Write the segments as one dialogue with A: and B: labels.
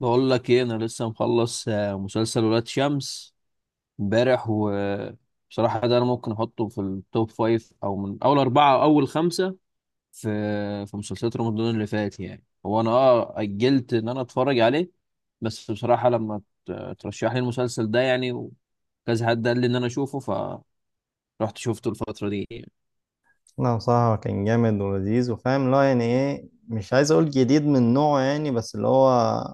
A: بقول لك ايه؟ انا لسه مخلص مسلسل ولاد شمس امبارح، وبصراحة ده انا ممكن احطه في التوب فايف، او من اول اربعة او اول خمسة في في مسلسلات رمضان اللي فات، يعني هو انا اجلت ان انا اتفرج عليه. بس بصراحة لما ترشح لي المسلسل ده يعني، وكذا حد قال لي ان انا اشوفه، فرحت شفته الفترة دي يعني.
B: لا، بصراحة كان جامد ولذيذ وفاهم اللي هو يعني ايه. مش عايز اقول جديد من نوعه يعني، بس اللي هو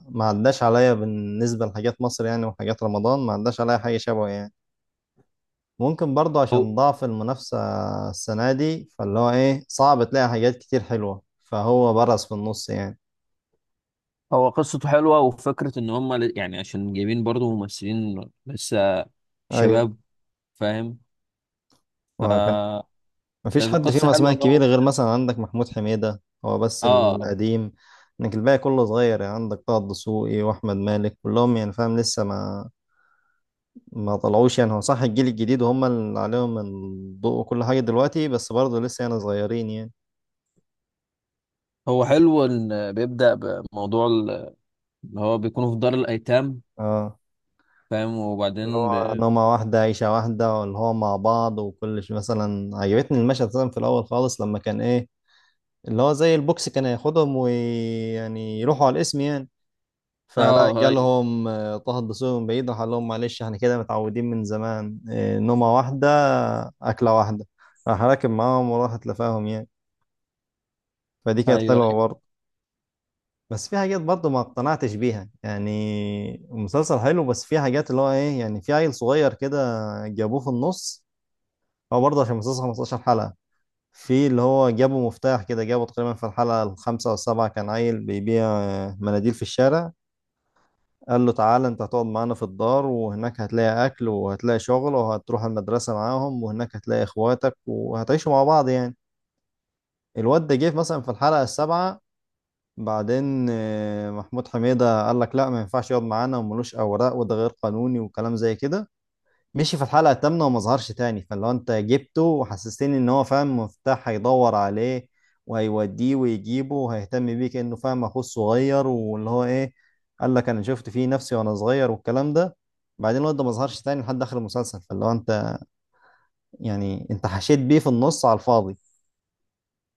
B: ما عداش عليا بالنسبة لحاجات مصر يعني. وحاجات رمضان ما عداش عليا حاجة شبهه يعني. ممكن برضه
A: هو
B: عشان ضعف المنافسة السنة دي، فاللي هو ايه، صعب تلاقي حاجات كتير حلوة، فهو برز في النص يعني.
A: هو قصته حلوة، وفكرة ان هم يعني عشان جايبين برضو ممثلين لسه
B: ايوه،
A: شباب. فاهم؟
B: ما كان مفيش
A: كانت
B: حد فيهم
A: القصة
B: اسماء
A: حلوة ان هو.
B: كبيرة غير مثلا عندك محمود حميدة، هو بس
A: اه
B: القديم. انك الباقي كله صغير يعني، عندك طه الدسوقي واحمد مالك كلهم يعني فاهم، لسه ما طلعوش يعني. هو صح الجيل الجديد هم اللي عليهم الضوء وكل حاجة دلوقتي، بس برضه لسه يعني صغيرين يعني.
A: هو حلو ان بيبدأ بموضوع اللي هو بيكونوا في دار الايتام.
B: اه،
A: فاهم؟
B: اللي
A: وبعدين
B: هو نومة واحدة، عيشة واحدة، واللي هو مع بعض وكل شيء. مثلا عجبتني المشهد مثلا في الأول خالص، لما كان إيه، اللي هو زي البوكس كان هياخدهم ويعني يروحوا على الاسم يعني. فلا
A: اه، ايوه،
B: جالهم طه الدسوقي من بعيد، راح قال لهم معلش احنا كده متعودين من زمان، نومة واحدة، أكلة واحدة. راح راكب معاهم وراح تلفاهم يعني، فدي كانت
A: ايوه،
B: حلوة
A: ايوه.
B: برضه. بس في حاجات برضه ما اقتنعتش بيها يعني. المسلسل حلو، بس في حاجات اللي هو ايه يعني، في عيل صغير كده جابوه في النص. هو برضه عشان المسلسل 15 حلقة، في اللي هو جابوا مفتاح كده، جابوا تقريبا في الحلقة الخامسة والسابعة، كان عيل بيبيع مناديل في الشارع. قال له تعالى انت هتقعد معانا في الدار، وهناك هتلاقي اكل وهتلاقي شغل، وهتروح المدرسة معاهم، وهناك هتلاقي اخواتك وهتعيشوا مع بعض يعني. الواد ده جه مثلا في الحلقة السابعة. بعدين محمود حميدة قال لك لا، ما ينفعش يقعد معانا، وملوش أوراق، وده غير قانوني وكلام زي كده. مشي في الحلقة الثامنة وما ظهرش تاني، فاللي هو أنت جبته وحسستني إن هو فاهم مفتاح هيدور عليه وهيوديه ويجيبه وهيهتم بيه، كأنه فاهم أخوه الصغير، واللي هو إيه، قال لك أنا شفت فيه نفسي وأنا صغير والكلام ده. بعدين الواد ده ما ظهرش تاني لحد آخر المسلسل، فاللي هو أنت يعني أنت حشيت بيه في النص على الفاضي.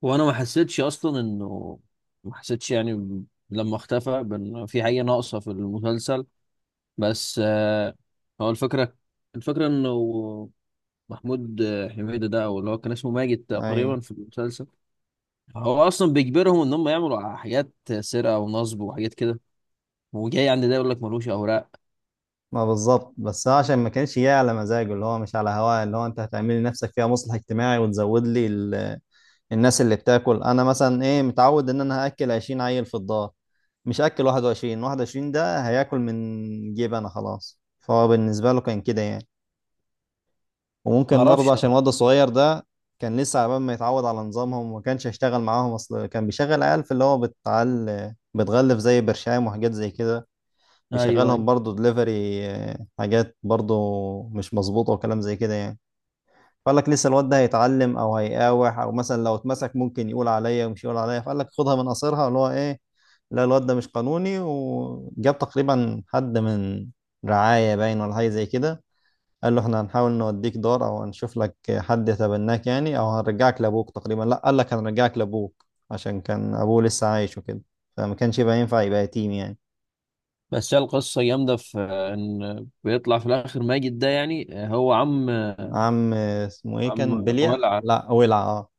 A: وانا ما حسيتش اصلا انه ما حسيتش يعني لما اختفى بان في حاجة ناقصة في المسلسل. بس هو الفكرة انه محمود حميدة ده، او اللي هو كان اسمه ماجد
B: أيوه،
A: تقريبا في المسلسل، هو اصلا بيجبرهم ان هم يعملوا حاجات سرقة ونصب وحاجات كده، وجاي عند ده يقول لك ملوش اوراق.
B: ما بالظبط. بس هو عشان ما كانش جاي على مزاجه، اللي هو مش على هواه، اللي هو انت هتعمل لي نفسك فيها مصلح اجتماعي وتزود لي الناس اللي بتاكل. انا مثلا ايه، متعود ان انا هاكل 20 عيل في الدار، مش هاكل 21. 21 ده هياكل من جيب انا. خلاص، فهو بالنسبه له كان كده يعني.
A: ما
B: وممكن برضه
A: اعرفش،
B: عشان
A: لا.
B: الواد الصغير ده كان لسه على بال ما يتعود على نظامهم، وما كانش هيشتغل معاهم. اصل كان بيشغل عيال في اللي هو بتعل بتغلف زي برشام وحاجات زي كده،
A: ايوه،
B: بيشغلهم
A: ايوه.
B: برضه دليفري، حاجات برضه مش مظبوطة وكلام زي كده يعني. فقال لك لسه الواد ده هيتعلم او هيقاوح، او مثلا لو اتمسك ممكن يقول عليا ومش يقول عليا، فقال لك خدها من قصرها، اللي هو ايه، لا الواد ده مش قانوني. وجاب تقريبا حد من رعاية باين ولا حاجة زي كده، قال له احنا هنحاول نوديك دار او هنشوف لك حد يتبناك يعني، او هنرجعك لابوك. تقريبا لا، قال لك هنرجعك لابوك، عشان كان ابوه لسه عايش وكده، فما كانش يبقى ينفع يبقى يتيم يعني.
A: بس هي القصه جامده في ان بيطلع في الاخر ماجد ده يعني هو عم.
B: عم اسمه ايه
A: عم
B: كان؟ بليا،
A: ولع.
B: لا، ولع. اه،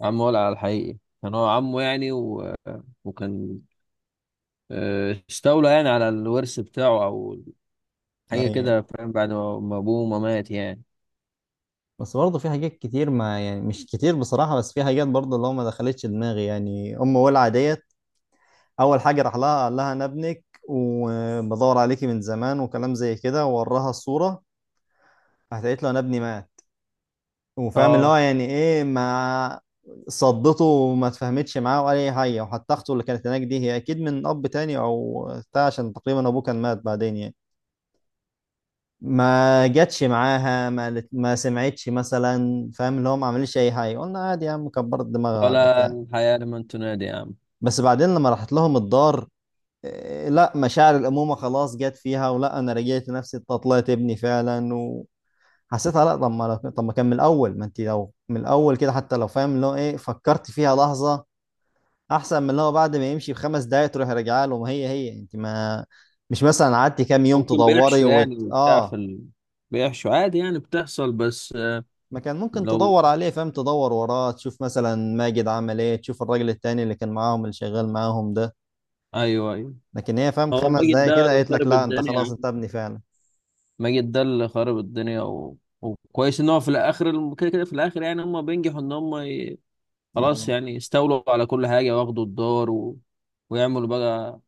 A: عم ولع الحقيقي كان هو عمه يعني، و... وكان استولى يعني على الورث بتاعه، او حاجه
B: ايوه.
A: كده. فاهم؟ بعد ما ابوه ما مات يعني.
B: بس برضه في حاجات كتير، ما يعني مش كتير بصراحة، بس في حاجات برضه اللي هو ما دخلتش دماغي يعني. أم ولع ديت، أول حاجة راح لها قال لها أنا ابنك وبدور عليكي من زمان وكلام زي كده، ووراها الصورة. راحت قالت له أنا ابني مات، وفاهم اللي هو
A: اه،
B: يعني إيه، ما صدته وما اتفاهمتش معاه ولا أي حاجة. وحتى أخته اللي كانت هناك دي هي أكيد من أب تاني أو بتاع، عشان تقريبا أبوه كان مات بعدين يعني. ما جاتش معاها، ما سمعتش مثلا، فاهم اللي هو ما عملش اي حاجه، قلنا عادي يا عم، كبرت دماغها ولا
A: ولا
B: بتاع.
A: الحياه لمن تنادي يا عم.
B: بس بعدين لما راحت لهم الدار، إيه، لا، مشاعر الامومه خلاص جت فيها، ولا انا رجعت نفسي إنت طلعت ابني فعلا. وحسيتها لا، طب ما كان من الاول، ما انت لو من الاول كده حتى لو فاهم اللي هو ايه فكرت فيها لحظه، احسن من اللي هو بعد ما يمشي بخمس دقايق تروح راجعه له. ما هي هي انت، ما مش مثلا قعدتي كام يوم
A: ممكن
B: تدوري
A: بيحشوا يعني بتاع
B: اه،
A: في بيحشوا عادي يعني، بتحصل. بس
B: ما كان ممكن
A: لو.
B: تدور عليه، فاهم، تدور وراه تشوف مثلا ماجد عمل ايه، تشوف الراجل التاني اللي كان معاهم اللي شغال معاهم ده.
A: ايوه، ايوه.
B: لكن هي فاهم
A: هو
B: خمس
A: ماجد
B: دقايق
A: ده
B: كده
A: اللي
B: قالت لك
A: خرب
B: لا، انت خلاص
A: الدنيا.
B: انت ابني فعلا.
A: ماجد ده اللي خرب الدنيا، و... وكويس ان هو في الاخر كده كده في الاخر يعني هم بينجحوا ان هم خلاص
B: انا
A: يعني يستولوا على كل حاجه واخدوا الدار، و... ويعملوا بقى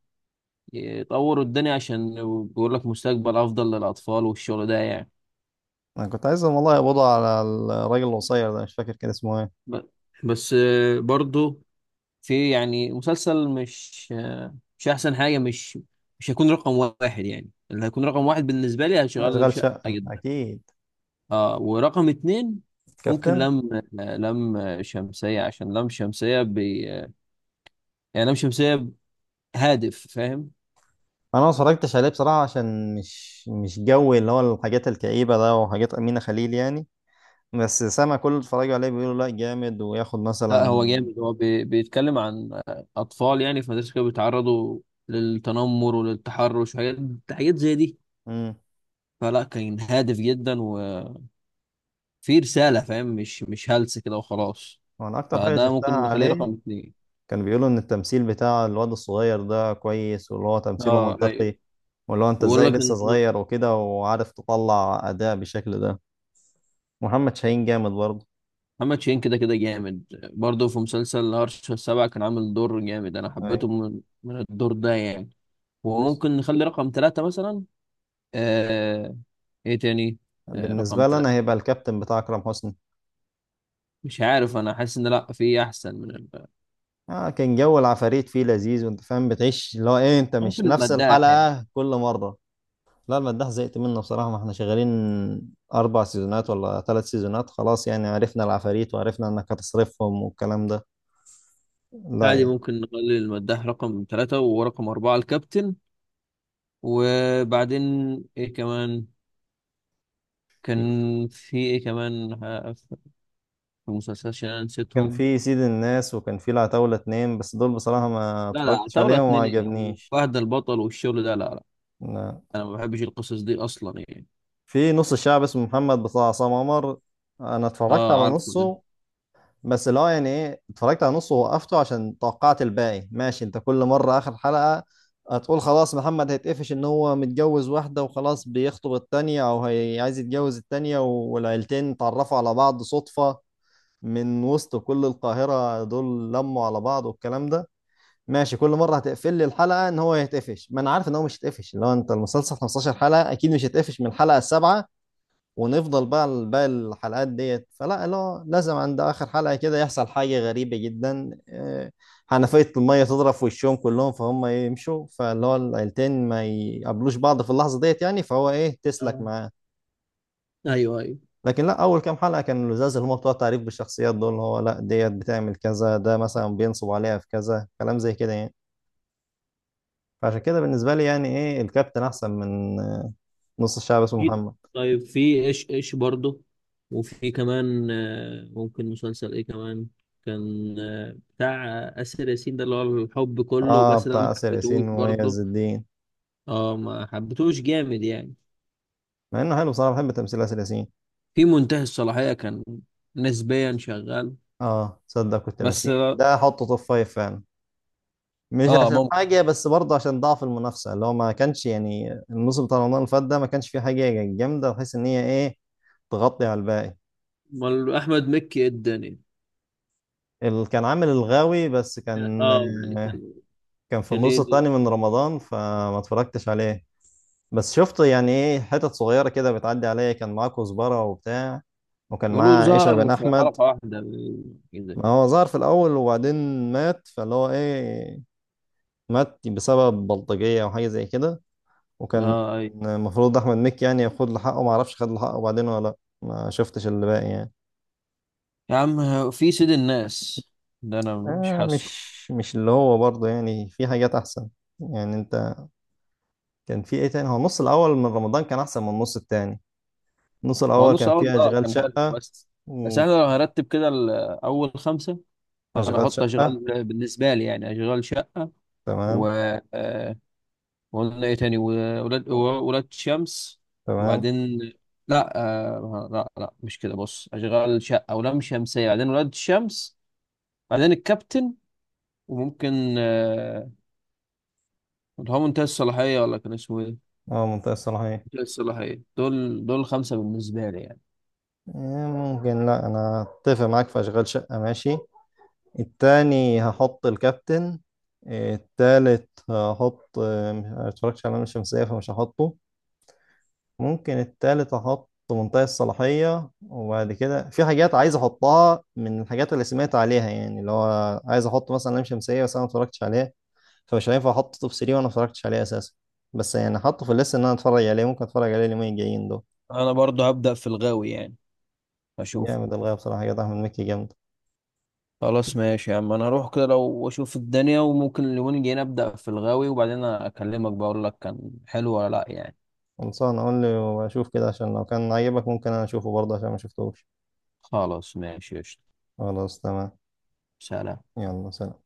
A: يطوروا الدنيا، عشان بيقول لك مستقبل افضل للاطفال والشغل ده يعني.
B: أنا كنت عايزهم والله يقبضوا على الراجل القصير ده، مش فاكر كان اسمه ايه.
A: ب... بس برضو في يعني مسلسل، مش مش احسن حاجه. مش هيكون رقم واحد يعني. اللي هيكون رقم واحد بالنسبه لي هشغل
B: اشغال
A: شقه
B: شقة
A: جدا.
B: اكيد.
A: اه، ورقم اتنين ممكن
B: كابتن.
A: لم شمسية، عشان لم شمسية بي يعني. لم شمسية هادف. فاهم؟
B: انا ما اتفرجتش عليه بصراحة عشان مش جوي اللي هو الحاجات الكئيبة ده وحاجات أمينة خليل يعني. بس سامع كل اللي اتفرجوا عليه بيقولوا لا جامد وياخد
A: لا،
B: مثلا.
A: هو جامد. هو بيتكلم عن أطفال يعني في مدرسة كده، بيتعرضوا للتنمر وللتحرش وحاجات زي دي.
B: امم
A: فلا، كان هادف جدا، وفي رسالة. فاهم؟ مش هلس كده وخلاص.
B: وانا اكتر حاجة
A: فده
B: شفتها
A: ممكن نخليه
B: عليه،
A: رقم اتنين.
B: كانوا بيقولوا ان التمثيل بتاع الواد الصغير ده كويس، واللي هو تمثيله
A: اه، ايوه.
B: منطقي، واللي هو انت
A: بقول
B: ازاي
A: لك
B: لسه
A: ان
B: صغير وكده، وعارف تطلع اداء بالشكل ده. محمد شاهين جامد برضه.
A: محمد شاهين كده كده جامد. برضه في مسلسل هرش السبعة كان عامل دور جامد، أنا
B: أي.
A: حبيته من الدور ده يعني. وممكن نخلي رقم ثلاثة مثلا. آه... إيه تاني؟ آه، رقم
B: بالنسبه لي
A: ثلاثة.
B: انا هيبقى الكابتن بتاع اكرم حسني.
A: مش عارف، أنا حاسس إن لأ، في أحسن من
B: آه، كان جو العفاريت فيه لذيذ، وانت فاهم بتعيش اللي هو ايه، انت مش
A: ممكن
B: نفس
A: المداح يعني.
B: الحلقه كل مره. لا، المداح زهقت منه بصراحه، ما احنا شغالين اربع سيزونات ولا ثلاث سيزونات، خلاص يعني عرفنا العفاريت وعرفنا انك هتصرفهم والكلام ده، لا
A: عادي،
B: يعني.
A: ممكن نخلي المداح رقم ثلاثة ورقم أربعة الكابتن. وبعدين إيه كمان؟ كان في إيه كمان؟ في المسلسلات عشان أنا
B: كان
A: نسيتهم.
B: في سيد الناس، وكان في العتاولة اتنين، بس دول بصراحة ما
A: لا لا،
B: اتفرجتش
A: طاولة
B: عليهم وما
A: اتنين إيه يا عم؟
B: عجبنيش.
A: فهد البطل والشغل ده، لا.
B: لا.
A: انا ما بحبش القصص دي اصلا يعني.
B: في نص الشعب اسمه محمد بتاع عصام عمر، انا اتفرجت على
A: اه، عارفه ده.
B: نصه. بس اللي هو يعني ايه، اتفرجت على نصه ووقفته، عشان توقعت الباقي ماشي. انت كل مرة اخر حلقة هتقول خلاص محمد هيتقفش، ان هو متجوز واحدة وخلاص بيخطب التانية او هي عايز يتجوز التانية، والعيلتين اتعرفوا على بعض صدفة من وسط كل القاهرة، دول لموا على بعض والكلام ده. ماشي، كل مره هتقفل لي الحلقه ان هو هيتقفش، ما انا عارف ان هو مش هيتقفش، لو انت المسلسل 15 حلقه اكيد مش هيتقفش من الحلقه السابعه، ونفضل بقى باقي الحلقات ديت. فلا لا، لازم عند اخر حلقه كده يحصل حاجه غريبه جدا، حنفيه الميه تضرب في وشهم كلهم، فهم يمشوا، فاللي هو العيلتين ما يقابلوش بعض في اللحظه ديت يعني، فهو ايه، تسلك
A: آه.
B: معاه.
A: ايوه، ايوه.
B: لكن لا، اول كام حلقه كانوا لزاز، اللي هم بتوع تعريف بالشخصيات دول، اللي هو لا ديت بتعمل كذا، ده مثلا بينصب عليها في كذا، كلام زي كده يعني. فعشان كده بالنسبة لي يعني ايه، الكابتن احسن من نص الشعب اسمه
A: في،
B: محمد.
A: طيب، في ايش برضه، وفي كمان ممكن مسلسل ايه كمان؟ كان بتاع آسر ياسين ده، اللي هو الحب كله،
B: اه،
A: بس ده
B: بتاع
A: ما
B: آسر ياسين
A: حبيتهوش
B: ومميز
A: برضه.
B: الدين،
A: اه، ما حبيتهوش جامد يعني.
B: مع انه حلو صراحة، بحب تمثيل آسر ياسين.
A: في منتهي الصلاحية كان نسبيا شغال.
B: اه، تصدق كنت
A: بس
B: ناسيه ده، احطه توب فايف فعلا. مش عشان
A: ممكن.
B: حاجة، بس برضه عشان ضعف المنافسة، اللي هو ما كانش يعني الموسم بتاع رمضان اللي فات ده ما كانش فيه حاجة جامدة بحيث ان هي ايه تغطي على الباقي.
A: امال احمد مكي إيه الدنيا؟
B: اللي كان عامل الغاوي، بس كان
A: اه يعني كان
B: كان في
A: كان إيه
B: النص التاني من رمضان، فما اتفرجتش عليه. بس شفت يعني ايه، حتت صغيرة كده بتعدي عليا، كان معاه كزبرة وبتاع، وكان
A: يقولوا
B: معاه عيشة بن
A: ظهر في
B: أحمد.
A: حلقة واحدة إيه،
B: ما
A: كده.
B: هو ظهر في الأول، وبعدين مات، فاللي هو ايه، مات بسبب بلطجية أو حاجة زي كده. وكان
A: اه، اي.
B: المفروض أحمد مكي يعني ياخد له حقه، معرفش خد له حقه بعدين ولا لأ، ما شفتش اللي باقي يعني.
A: يا عم، هو في سيد الناس ده انا مش
B: آه،
A: حاسه.
B: مش اللي هو برضه يعني في حاجات أحسن يعني. أنت كان في ايه تاني، هو النص الأول من رمضان كان أحسن من النص التاني. النص
A: هو
B: الأول
A: نص
B: كان
A: عرض
B: فيه أشغال
A: كان حلو.
B: شقة.
A: بس احنا لو هرتب كده اول خمسه، فانا
B: وأشغال
A: احط
B: شقة،
A: اشغال بالنسبه لي يعني، اشغال شقه. و
B: تمام.
A: آه، وقلنا ايه تاني؟ وولاد ولاد شمس.
B: تمام.
A: وبعدين لا، لا لا، مش كده، بص: اشغال شقه ولام شمسيه، بعدين ولاد الشمس، بعدين الكابتن، وممكن اللي هو منتهي الصلاحيه، ولا كان اسمه ايه؟
B: اه، منطقة الصلاحية.
A: الصلاحية. دول خمسة بالنسبة لي يعني.
B: آه، ممكن. لا، انا اتفق معاك في اشغال شقة، ماشي. التاني هحط الكابتن. آه، التالت هحط آه، ما اتفرجتش على لام الشمسية فمش هحطه. ممكن التالت هحط منطقة الصلاحية، وبعد كده في حاجات عايز احطها من الحاجات اللي سمعت عليها يعني، اللي هو عايز احط مثلا لام شمسية بس انا ما اتفرجتش عليها، فمش هينفع احط توب 3 وانا ما اتفرجتش عليه اساسا. بس يعني احطه في الليست ان انا اتفرج عليه، ممكن اتفرج عليه اليومين الجايين دول.
A: أنا برضه هبدأ في الغاوي يعني أشوف.
B: جامد الغاية بصراحة، حاجات أحمد مكي جامد.
A: خلاص، ماشي يا عم، أنا هروح كده لو أشوف الدنيا، وممكن اليومين الجايين أبدأ في الغاوي، وبعدين أكلمك بقول لك كان حلو ولا لأ يعني.
B: خلصان، أقول لي وأشوف كده، عشان لو كان عجبك ممكن أنا أشوفه برضه عشان ما شفتوش.
A: خلاص، ماشي، قشطة.
B: خلاص تمام.
A: سلام.
B: يلا سلام.